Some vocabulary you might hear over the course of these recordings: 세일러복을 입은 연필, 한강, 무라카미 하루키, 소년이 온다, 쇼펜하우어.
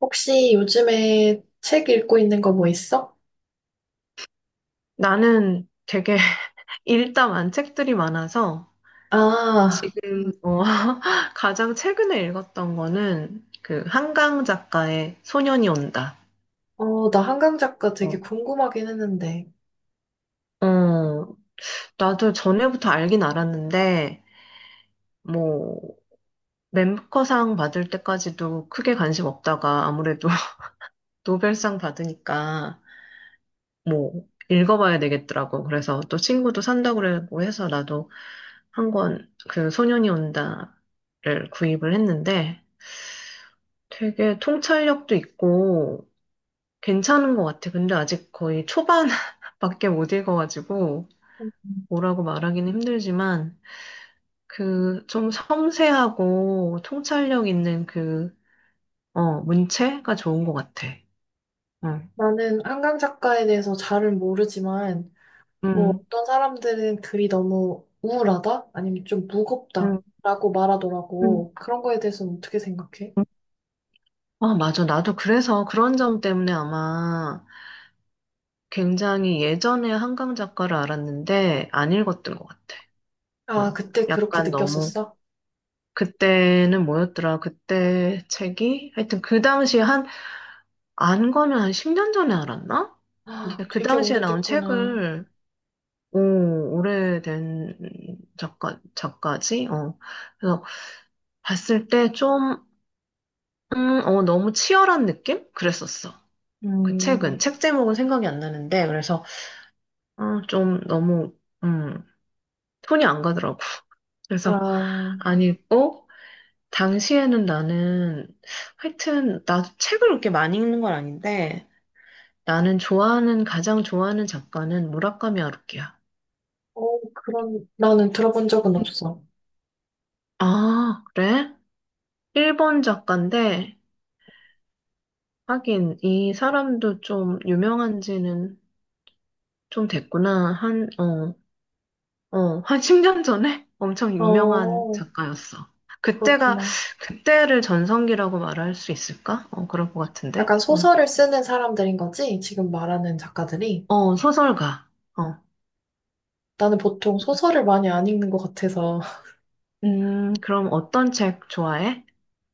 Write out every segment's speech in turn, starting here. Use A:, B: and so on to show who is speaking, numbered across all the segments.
A: 혹시 요즘에 책 읽고 있는 거 뭐 있어?
B: 나는 되게 읽다 만 책들이 많아서
A: 아,
B: 지금 가장 최근에 읽었던 거는 한강 작가의 소년이 온다.
A: 어, 나 한강 작가
B: 어,
A: 되게 궁금하긴 했는데.
B: 어, 나도 전에부터 알긴 알았는데 뭐 멤버상 받을 때까지도 크게 관심 없다가 아무래도 노벨상 받으니까 뭐 읽어봐야 되겠더라고. 그래서 또 친구도 산다고 그러고 해서 나도 한 권 소년이 온다를 구입을 했는데 되게 통찰력도 있고 괜찮은 것 같아. 근데 아직 거의 초반밖에 못 읽어가지고 뭐라고 말하기는 힘들지만 좀 섬세하고 통찰력 있는 문체가 좋은 것 같아. 응,
A: 나는 한강 작가에 대해서 잘은 모르지만, 뭐
B: 응,
A: 어떤 사람들은 글이 너무 우울하다? 아니면 좀 무겁다?
B: 응,
A: 라고
B: 응.
A: 말하더라고. 그런 거에 대해서는 어떻게 생각해?
B: 아, 맞아. 나도 그래서 그런 점 때문에 아마 굉장히 예전에 한강 작가를 알았는데 안 읽었던 것 같아.
A: 아,
B: 응.
A: 그때 그렇게
B: 약간 너무
A: 느꼈었어?
B: 그때는 뭐였더라? 그때 책이? 하여튼 그 당시에 안 거는 한 10년 전에 알았나? 근데
A: 아,
B: 그
A: 되게
B: 당시에 나온
A: 오래됐구나.
B: 책을, 오, 오래된 작가지? 어. 그래서 봤을 때 너무 치열한 느낌? 그랬었어. 그 책은.
A: 음,
B: 책 제목은 생각이 안 나는데, 그래서, 어, 좀 너무, 음, 톤이 안 가더라고. 그래서
A: 아,
B: 안 읽고, 당시에는 나는 하여튼 나도 책을 그렇게 많이 읽는 건 아닌데 나는 좋아하는 가장 좋아하는 작가는 무라카미 하루키야.
A: 어, 그런, 나는 들어본 적은
B: 음.
A: 없어.
B: 아, 그래? 일본 작가인데 하긴 이 사람도 좀 유명한 지는 좀 됐구나. 한 10년 전에 엄청 유명한
A: 어,
B: 작가였어. 그때가
A: 그렇구나.
B: 그때를 전성기라고 말할 수 있을까? 그럴 것 같은데.
A: 약간 소설을 쓰는 사람들인 거지? 지금 말하는 작가들이?
B: 소설가. 어.
A: 나는 보통 소설을 많이 안 읽는 것 같아서
B: 그럼 어떤 책 좋아해?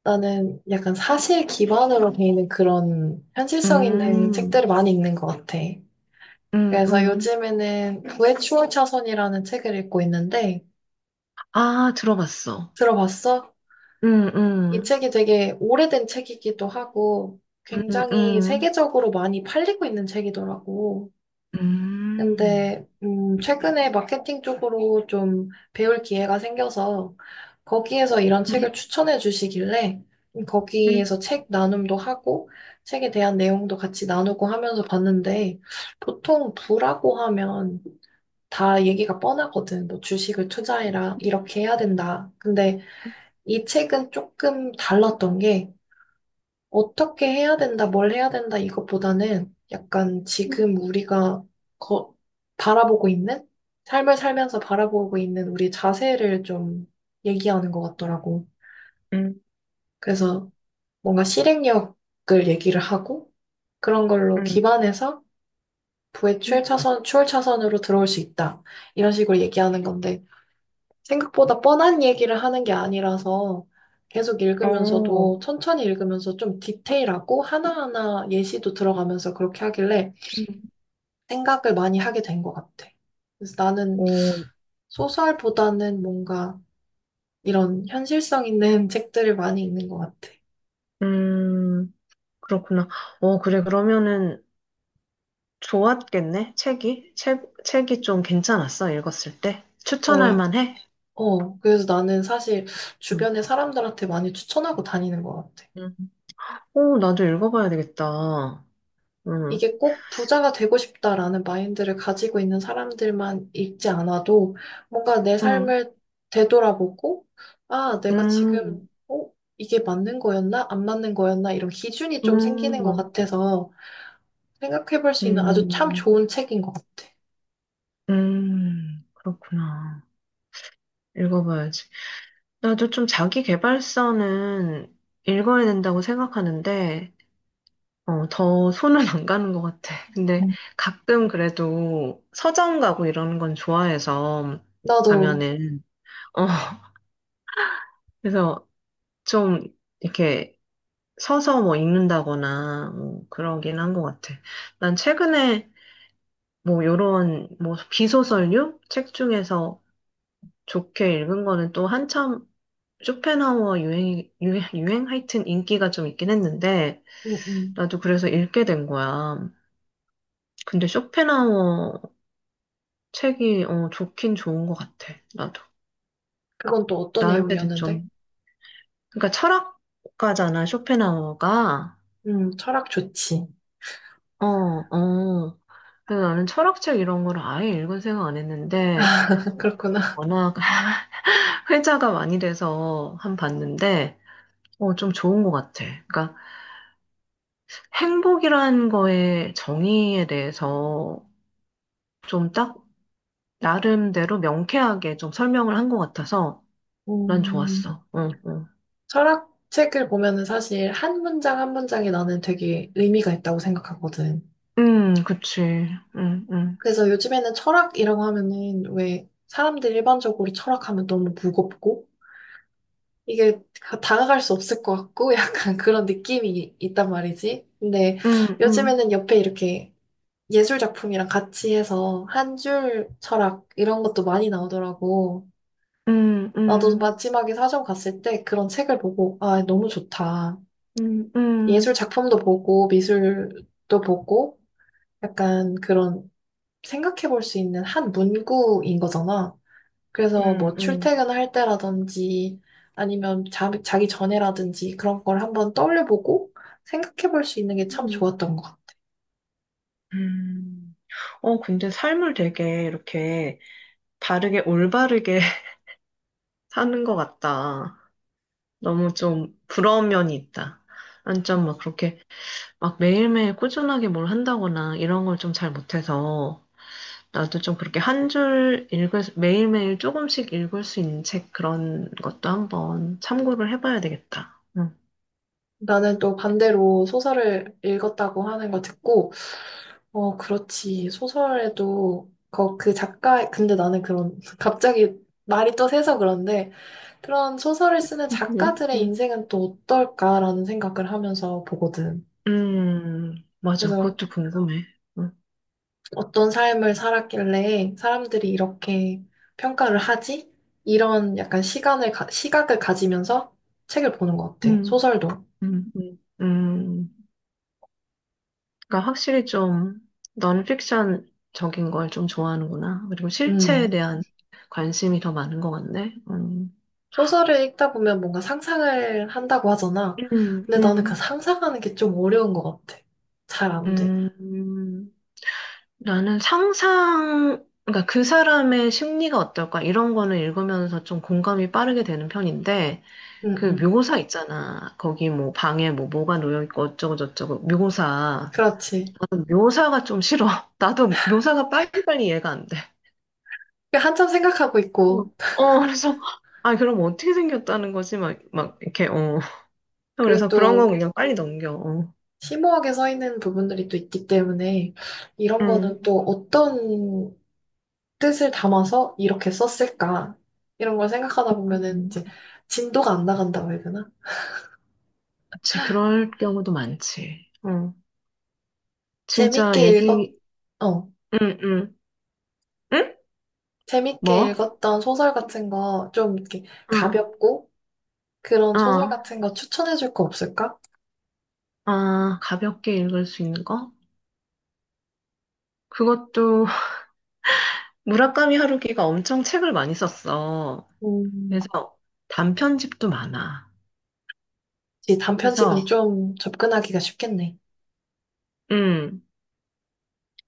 A: 나는 약간 사실 기반으로 돼 있는 그런 현실성 있는
B: 음,
A: 책들을 많이 읽는 것 같아.
B: 음,
A: 그래서
B: 음.
A: 요즘에는 구의 추월 차선이라는 책을 읽고 있는데
B: 아, 들어봤어.
A: 들어봤어?
B: 음,
A: 이
B: 음,
A: 책이 되게 오래된 책이기도 하고
B: 음,
A: 굉장히
B: 음,
A: 세계적으로 많이 팔리고 있는 책이더라고.
B: 음,
A: 근데 최근에 마케팅 쪽으로 좀 배울 기회가 생겨서 거기에서 이런 책을 추천해 주시길래
B: 음,
A: 거기에서 책 나눔도 하고 책에 대한 내용도 같이 나누고 하면서 봤는데 보통 부라고 하면 다 얘기가 뻔하거든. 뭐 주식을 투자해라 이렇게 해야 된다. 근데 이 책은 조금 달랐던 게 어떻게 해야 된다, 뭘 해야 된다, 이것보다는 약간 지금 우리가 거, 바라보고 있는? 삶을 살면서 바라보고 있는 우리 자세를 좀 얘기하는 것 같더라고.
B: 음,
A: 그래서 뭔가 실행력을 얘기를 하고 그런 걸로
B: 음,
A: 기반해서 부의
B: 음.
A: 출차선, 추월차선으로 들어올 수 있다. 이런 식으로 얘기하는 건데 생각보다 뻔한 얘기를 하는 게 아니라서 계속
B: 어,
A: 읽으면서도 천천히 읽으면서 좀 디테일하고 하나하나 예시도 들어가면서 그렇게 하길래
B: 음.
A: 생각을 많이 하게 된 것 같아. 그래서 나는
B: 오,
A: 소설보다는 뭔가 이런 현실성 있는 책들을 많이 읽는 것 같아.
B: 음, 그렇구나. 그래, 그러면은 좋았겠네, 책이? 책이 좀 괜찮았어, 읽었을 때?
A: 어,
B: 추천할 만해?
A: 어, 그래서 나는 사실
B: 음,
A: 주변의 사람들한테 많이 추천하고 다니는 것 같아.
B: 음. 오, 나도 읽어봐야 되겠다. 음,
A: 이게 꼭 부자가 되고 싶다라는 마인드를 가지고 있는 사람들만 읽지 않아도 뭔가 내
B: 음,
A: 삶을 되돌아보고, 아, 내가
B: 음,
A: 지금, 어, 이게 맞는 거였나? 안 맞는 거였나? 이런 기준이 좀 생기는 것
B: 음.
A: 같아서 생각해 볼 수 있는 아주 참
B: 음,
A: 좋은 책인 것 같아.
B: 그렇구나. 읽어봐야지. 나도 좀 자기 계발서는 읽어야 된다고 생각하는데, 더 손은 안 가는 것 같아. 근데
A: 음.
B: 가끔 그래도 서점 가고 이러는 건 좋아해서
A: 나도,
B: 가면은, 어, 그래서 좀 이렇게 서서 뭐 읽는다거나 뭐 그러긴 한 것 같아. 난 최근에 뭐 요런 뭐 비소설류 책 중에서 좋게 읽은 거는 또 한참 쇼펜하우어 유행 하여튼 인기가 좀 있긴 했는데,
A: 음, 음.
B: 나도 그래서 읽게 된 거야. 근데 쇼펜하우어 책이, 좋긴 좋은 것 같아. 나도.
A: 그건 또 어떤
B: 나한테도
A: 내용이었는데?
B: 좀. 그러니까 철학가잖아, 쇼펜하우어가.
A: 철학 좋지.
B: 어, 어. 그래서 나는 철학책 이런 걸 아예 읽은 생각 안 했는데,
A: 그렇구나.
B: 워낙 회자가 많이 돼서 한 봤는데, 좀 좋은 것 같아. 그러니까 행복이라는 거의 정의에 대해서 좀딱 나름대로 명쾌하게 좀 설명을 한 것 같아서 난
A: 음,
B: 좋았어. 응, 응.
A: 철학 책을 보면은 사실 한 문장 한 문장이 나는 되게 의미가 있다고 생각하거든.
B: 그치. 응, 응.
A: 그래서 요즘에는 철학이라고 하면은 왜 사람들이 일반적으로 철학하면 너무 무겁고 이게 다가갈 수 없을 것 같고 약간 그런 느낌이 있단 말이지. 근데
B: 응, 응.
A: 요즘에는 옆에 이렇게 예술 작품이랑 같이 해서 한줄 철학 이런 것도 많이 나오더라고.
B: 응,
A: 나도
B: 응.
A: 마지막에 사전 갔을 때 그런 책을 보고 아, 너무 좋다.
B: 응,
A: 예술
B: 응.
A: 작품도 보고 미술도 보고 약간 그런 생각해 볼 수 있는 한 문구인 거잖아. 그래서
B: 응,
A: 뭐
B: 응.
A: 출퇴근할 때라든지 아니면 자기 전에라든지 그런 걸 한번 떠올려보고 생각해 볼 수 있는 게 참
B: 응.
A: 좋았던 것 같아.
B: 음. 근데 삶을 되게 이렇게 바르게, 올바르게 사는 것 같다. 너무 좀 부러운 면이 있다. 완전 막 그렇게 막 매일매일 꾸준하게 뭘 한다거나 이런 걸 좀 잘 못해서 나도 좀 그렇게 한 줄 읽을, 수- 매일매일 조금씩 읽을 수 있는 책 그런 것도 한번 참고를 해봐야 되겠다. 응.
A: 나는 또 반대로 소설을 읽었다고 하는 거 듣고, 어, 그렇지. 소설에도 그, 그 작가, 근데 나는 그런, 갑자기 말이 또 새서 그런데 그런 소설을 쓰는
B: 응,
A: 작가들의
B: 응,
A: 인생은 또 어떨까라는 생각을 하면서 보거든.
B: 맞아.
A: 그래서
B: 그것도 궁금해. 응.
A: 어떤 삶을 살았길래 사람들이 이렇게 평가를 하지? 이런 약간 시간을, 시각을 가지면서 책을 보는 것 같아.
B: 음,
A: 소설도.
B: 응. 그러니까 확실히 좀 넌픽션적인 걸 좀 좋아하는구나. 그리고 실체에
A: 음.
B: 대한 관심이 더 많은 것 같네.
A: 소설을 읽다 보면 뭔가 상상을 한다고 하잖아.
B: 응,
A: 근데 나는 그
B: 응.
A: 상상하는 게 좀 어려운 것 같아. 잘 안 돼.
B: 음, 나는 그러니까 그 사람의 심리가 어떨까 이런 거는 읽으면서 좀 공감이 빠르게 되는 편인데
A: 응,
B: 그
A: 응.
B: 묘사 있잖아. 거기 뭐 방에 뭐 뭐가 놓여 있고 어쩌고 저쩌고 묘사.
A: 그렇지.
B: 나는 묘사가 좀 싫어. 나도 묘사가 빨리빨리 이해가 안 돼.
A: 한참 생각하고
B: 어,
A: 있고,
B: 그래서 아 그럼 어떻게 생겼다는 거지? 막 이렇게 어.
A: 그리고
B: 그래서 그런 거
A: 또
B: 그냥 빨리 넘겨. 어.
A: 심오하게 써 있는 부분들이 또 있기 때문에 이런 거는
B: 음.
A: 또 어떤 뜻을 담아서 이렇게 썼을까? 이런 걸 생각하다 보면은
B: 음.
A: 이제 진도가 안 나간다고 해야 되나?
B: 그치, 그럴 경우도 많지. 어. 진짜
A: 재밌게 읽었,
B: 얘기,
A: 어,
B: 응, 응. 응?
A: 재밌게
B: 뭐?
A: 읽었던 소설 같은 거 좀 이렇게 가볍고 그런
B: 어,
A: 소설
B: 어,
A: 같은 거 추천해 줄 거 없을까?
B: 아, 가볍게 읽을 수 있는 거? 그것도 무라카미 하루키가 엄청 책을 많이 썼어.
A: 음,
B: 그래서 단편집도 많아.
A: 이
B: 그래서
A: 단편집은 좀 접근하기가 쉽겠네.
B: 음,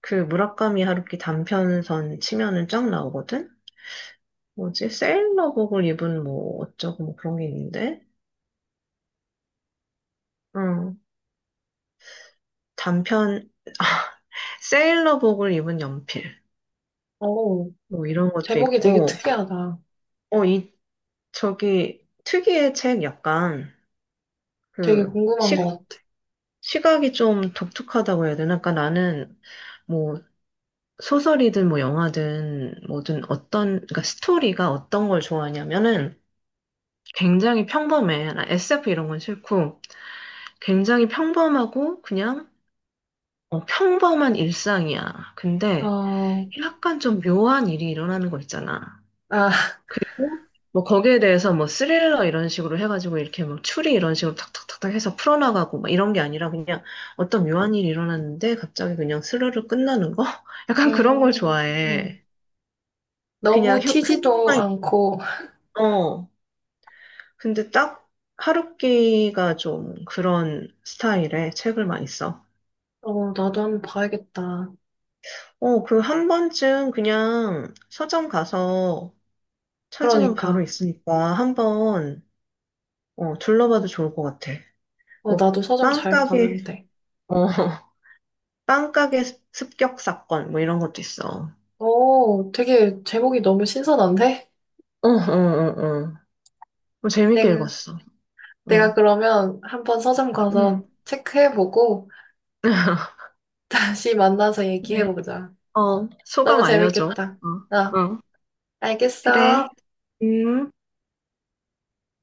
B: 무라카미 하루키 단편선 치면은 쫙 나오거든. 뭐지? 세일러복을 입은 뭐 어쩌고 뭐 그런 게 있는데. 응. 단편 세일러복을 입은 연필.
A: 오
B: 뭐 이런 것도
A: 제목이 되게
B: 있고.
A: 특이하다.
B: 어, 이 저기 특이의 책 약간
A: 되게
B: 그
A: 궁금한 것
B: 식,
A: 같아.
B: 시각이 좀 독특하다고 해야 되나? 그러니까 나는 뭐 소설이든 뭐 영화든 뭐든 어떤 그러니까 스토리가 어떤 걸 좋아하냐면은 굉장히 평범해. 나 SF 이런 건 싫고 굉장히 평범하고 그냥 평범한 일상이야. 근데
A: 어,
B: 약간 좀 묘한 일이 일어나는 거 있잖아.
A: 아,
B: 그리고 뭐 거기에 대해서 뭐 스릴러 이런 식으로 해가지고 이렇게 막 추리 이런 식으로 탁탁탁탁 해서 풀어나가고 막 이런 게 아니라 그냥 어떤 묘한 일이 일어났는데 갑자기 그냥 스르르 끝나는 거? 약간 그런 걸
A: 음,
B: 좋아해. 그냥
A: 너무 튀지도
B: 흥미만
A: 않고,
B: 있어. 근데 딱 하루키가 좀 그런 스타일의 책을 많이 써.
A: 어, 나도 한번 봐야겠다.
B: 그 한 번쯤 그냥 서점 가서 찾으면 바로
A: 그러니까.
B: 있으니까 한번 둘러봐도 좋을 것 같아.
A: 어,
B: 뭐
A: 나도 서점 잘
B: 빵가게
A: 가는데.
B: 어, 빵가게 습격 사건, 뭐 이런 것도 있어.
A: 어, 되게 제목이 너무 신선한데?
B: 어, 어, 어. 어. 뭐 재밌게
A: 내가,
B: 읽었어.
A: 내가
B: 응.
A: 그러면 한번 서점
B: 응.
A: 가서 체크해보고 다시 만나서
B: 그래.
A: 얘기해보자.
B: 어,
A: 너무
B: 소감 알려줘.
A: 재밌겠다.
B: 어,
A: 어,
B: 어. 그래.
A: 알겠어.
B: 음.